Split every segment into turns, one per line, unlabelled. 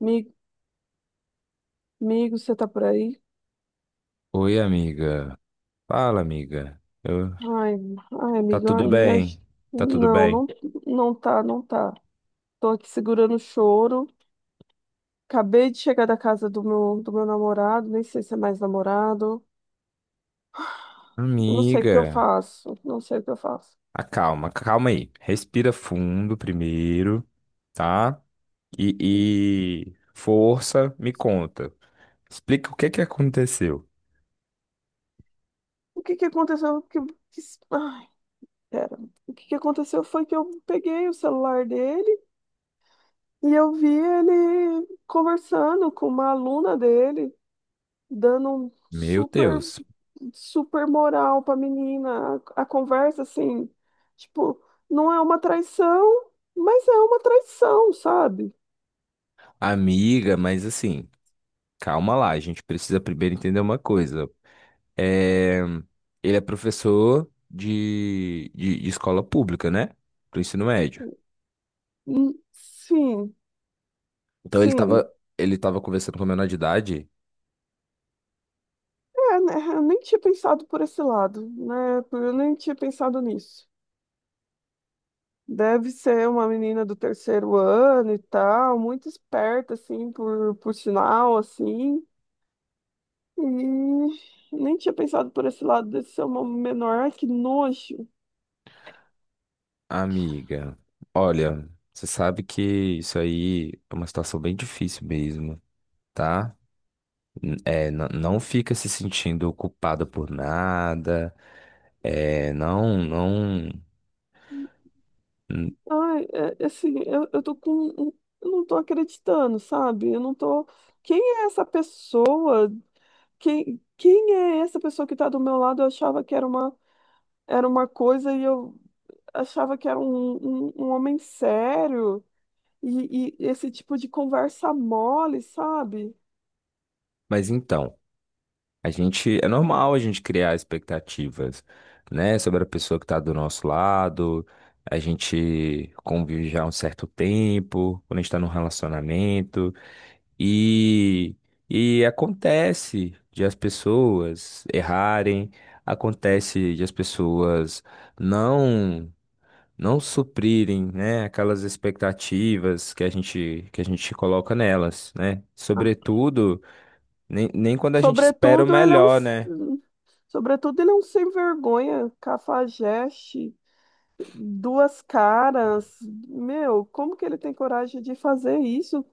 Mi- Amigo, você tá por aí?
Oi, amiga. Fala, amiga.
Ai, ai,
Tá
amigo,
tudo
ai,
bem? Tá tudo
Não,
bem?
não, não tá, não tá. Tô aqui segurando o choro. Acabei de chegar da casa do meu namorado, nem sei se é mais namorado. Eu não sei o que eu
Amiga,
faço, não sei o que eu faço.
acalma, calma aí. Respira fundo primeiro, tá? E força, me conta. Explica o que que aconteceu.
O que que aconteceu? Que, ai, Pera. O que que aconteceu foi que eu peguei o celular dele e eu vi ele conversando com uma aluna dele, dando um
Meu
super
Deus.
super moral pra menina. A conversa, assim, tipo, não é uma traição, mas é uma traição, sabe?
Amiga, mas assim, calma lá. A gente precisa primeiro entender uma coisa. É... Ele é professor de escola pública, né? Do ensino médio.
Sim,
Então
sim.
ele tava conversando com a menor de idade.
É, né, eu nem tinha pensado por esse lado, né? Eu nem tinha pensado nisso. Deve ser uma menina do terceiro ano e tal, muito esperta, assim, por sinal, assim. E nem tinha pensado por esse lado desse ser uma menor. Ai, que nojo.
Amiga, olha, você sabe que isso aí é uma situação bem difícil mesmo, tá? Não fica se sentindo culpada por nada, é, não, não. n-
Ai, é assim, eu tô com. Um- um, eu não tô acreditando, sabe? Eu não tô. Quem é essa pessoa? Quem é essa pessoa que tá do meu lado? Eu achava que era uma coisa e eu achava que era um homem sério. E esse tipo de conversa mole, sabe?
Mas então, a gente, é normal a gente criar expectativas, né, sobre a pessoa que tá do nosso lado, a gente convive já há um certo tempo, quando a gente tá num relacionamento. E, e acontece de as pessoas errarem, acontece de as pessoas não não suprirem, né, aquelas expectativas que a gente coloca nelas, né?
Ah,
Sobretudo, nem quando a gente espera o
sobretudo, ele é um.
melhor, né?
Sobretudo, ele é um sem vergonha, cafajeste duas caras. Meu, como que ele tem coragem de fazer isso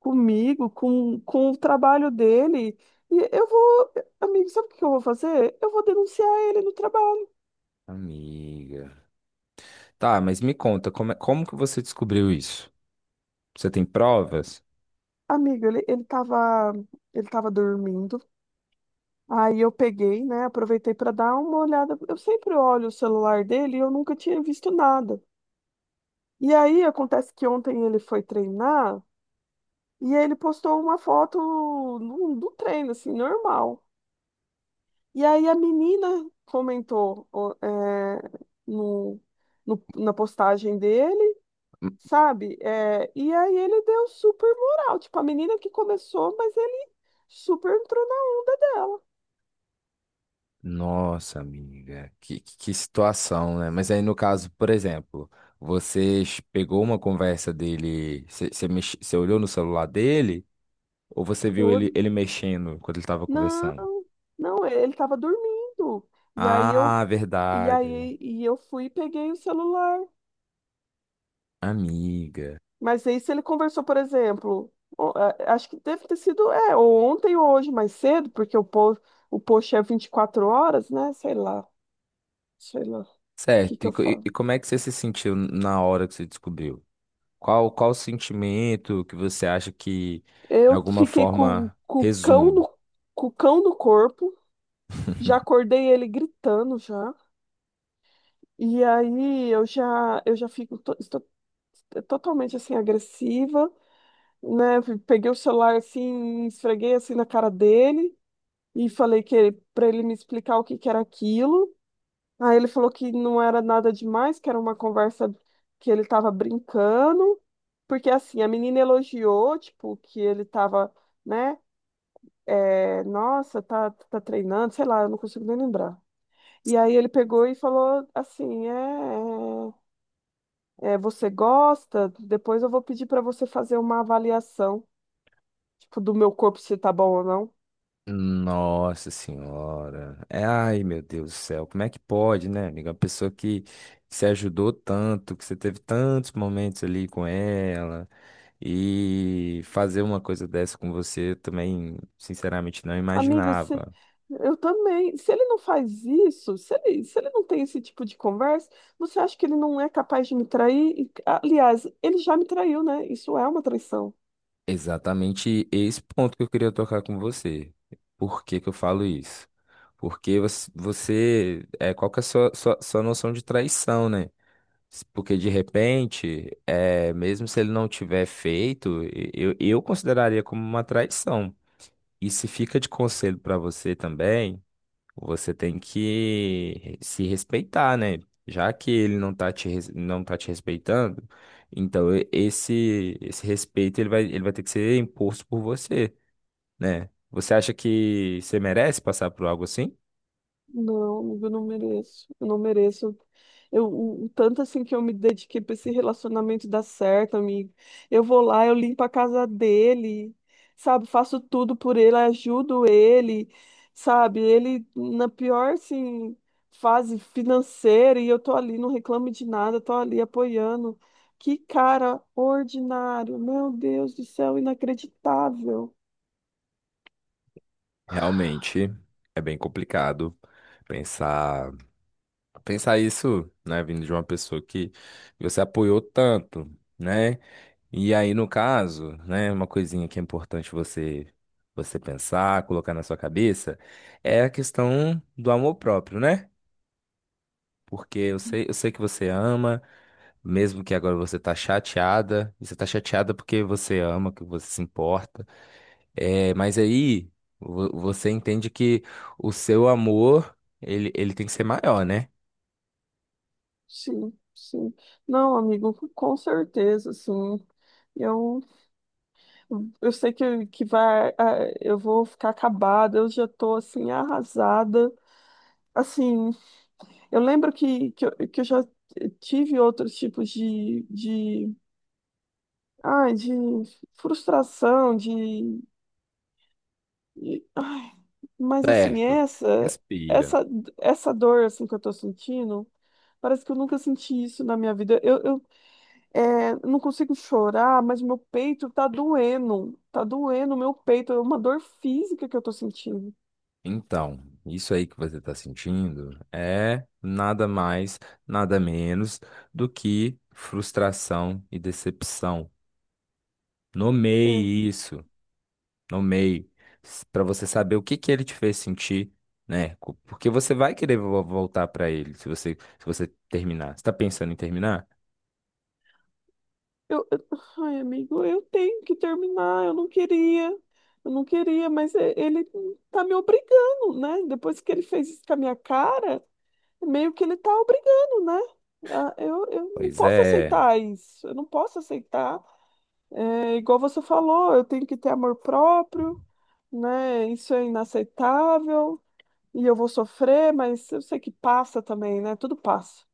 comigo, com o trabalho dele? E eu vou, amigo, sabe o que eu vou fazer? Eu vou denunciar ele no trabalho.
Amiga. Tá, mas me conta, como, como que você descobriu isso? Você tem provas?
Amigo, ele tava dormindo. Aí eu peguei, né? Aproveitei para dar uma olhada. Eu sempre olho o celular dele e eu nunca tinha visto nada. E aí acontece que ontem ele foi treinar e ele postou uma foto do treino, assim, normal. E aí a menina comentou, ó, no, na postagem dele. Sabe? É, e aí ele deu super moral, tipo, a menina que começou, mas ele super entrou na onda dela.
Nossa, amiga, que que situação, né? Mas aí, no caso, por exemplo, você pegou uma conversa dele, você olhou no celular dele ou você
Eu
viu
olhei,
ele mexendo quando ele estava
não,
conversando?
não, ele tava dormindo. E aí eu
Ah,
e
verdade,
aí e eu fui e peguei o celular.
amiga.
Mas aí se ele conversou, por exemplo, acho que deve ter sido, ou ontem ou hoje mais cedo, porque o post é 24 horas, né? Sei lá, o que
Certo,
que eu falo?
e como é que você se sentiu na hora que você descobriu? Qual o sentimento que você acha que, de
Eu
alguma
fiquei
forma, resume?
com o cão no corpo. Já acordei ele gritando já. E aí eu já fico estou totalmente assim agressiva, né? Peguei o celular assim, esfreguei assim na cara dele e falei para ele me explicar o que que era aquilo. Aí ele falou que não era nada demais, que era uma conversa que ele estava brincando, porque assim, a menina elogiou, tipo, que ele estava, né? Nossa, tá treinando, sei lá, eu não consigo nem lembrar. E aí ele pegou e falou assim, você gosta? Depois eu vou pedir para você fazer uma avaliação, tipo, do meu corpo se tá bom ou não.
Nossa senhora. É, ai, meu Deus do céu. Como é que pode, né, amiga? Uma pessoa que se ajudou tanto, que você teve tantos momentos ali com ela, e fazer uma coisa dessa com você, eu também, sinceramente, não
Amigo, se,
imaginava.
eu também. Se ele não faz isso, se ele não tem esse tipo de conversa, você acha que ele não é capaz de me trair? E, aliás, ele já me traiu, né? Isso é uma traição.
Exatamente esse ponto que eu queria tocar com você. Por que que eu falo isso? Porque é, qual que é a sua noção de traição, né? Porque de repente, é, mesmo se ele não tiver feito, eu consideraria como uma traição. E se fica de conselho para você também, você tem que se respeitar, né? Já que ele não tá te, não tá te respeitando, então esse, esse respeito ele vai ter que ser imposto por você, né? Você acha que você merece passar por algo assim?
Não, eu não mereço. Eu não mereço. O tanto assim que eu me dediquei para esse relacionamento dar certo, amigo. Eu vou lá, eu limpo a casa dele, sabe? Faço tudo por ele, ajudo ele, sabe? Ele na pior, assim, fase financeira e eu tô ali, não reclamo de nada, tô ali apoiando. Que cara ordinário, meu Deus do céu, inacreditável.
Realmente é bem complicado pensar. Pensar isso, né, vindo de uma pessoa que você apoiou tanto, né? E aí, no caso, né, uma coisinha que é importante você pensar, colocar na sua cabeça, é a questão do amor próprio, né? Porque eu sei que você ama, mesmo que agora você tá chateada, e você tá chateada porque você ama, que você se importa. É, mas aí você entende que o seu amor, ele tem que ser maior, né?
Sim, sim. Não, amigo, com certeza, sim. Eu, eu sei que eu vou ficar acabada, eu já tô assim, arrasada. Assim, eu lembro que eu já tive outros tipos de frustração, de- ai, mas assim,
Certo. Respira.
essa, essa dor assim, que eu tô sentindo, parece que eu nunca senti isso na minha vida. Não consigo chorar, mas meu peito tá doendo. Tá doendo meu peito. É uma dor física que eu tô sentindo.
Então, isso aí que você está sentindo é nada mais, nada menos do que frustração e decepção.
É.
Nomeie isso, nomeie, para você saber o que que ele te fez sentir, né? Porque você vai querer voltar para ele se se você terminar. Você está pensando em terminar?
Eu, eu- Ai, amigo, eu tenho que terminar. Eu não queria. Eu não queria, mas ele tá me obrigando, né? Depois que ele fez isso com a minha cara, meio que ele tá obrigando, né? Ah, eu não
Pois
posso
é.
aceitar isso. Eu não posso aceitar. É, igual você falou, eu tenho que ter amor próprio, né? Isso é inaceitável e eu vou sofrer, mas eu sei que passa também, né? Tudo passa.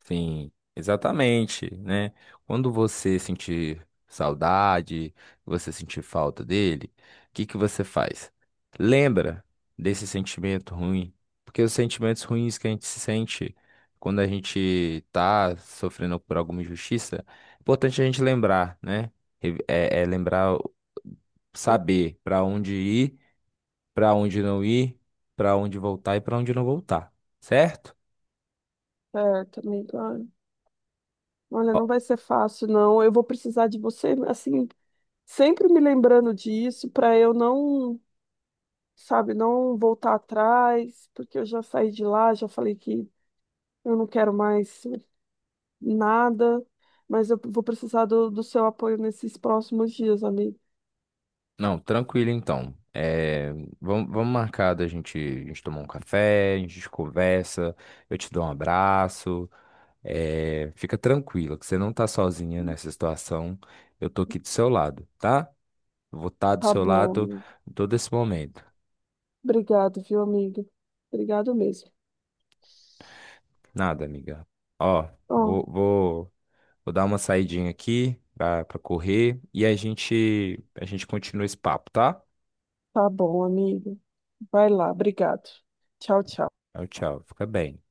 Sim, exatamente, né? Quando você sentir saudade, você sentir falta dele, o que que você faz? Lembra desse sentimento ruim, porque os sentimentos ruins que a gente se sente quando a gente tá sofrendo por alguma injustiça, é importante a gente lembrar, né? É lembrar, saber para onde ir, para onde não ir, para onde voltar e para onde não voltar, certo?
Certo, amiga. Ai, olha, não vai ser fácil, não. Eu vou precisar de você, assim, sempre me lembrando disso para eu não, sabe, não voltar atrás, porque eu já saí de lá, já falei que eu não quero mais nada, mas eu vou precisar do seu apoio nesses próximos dias, amigo.
Não, tranquilo então. É, vamos marcar da gente, a gente tomar um café, a gente conversa, eu te dou um abraço. É, fica tranquila, que você não tá sozinha nessa situação. Eu tô aqui do seu lado, tá? Vou estar do
Tá
seu
bom,
lado
amiga.
em todo esse momento.
Obrigado, viu, amigo? Obrigado mesmo.
Nada, amiga. Ó,
Ó.
vou, vou, vou dar uma saidinha aqui pra correr e a gente continua esse papo, tá?
Tá bom, amigo. Vai lá, obrigado. Tchau, tchau.
Tchau, tchau. Fica bem.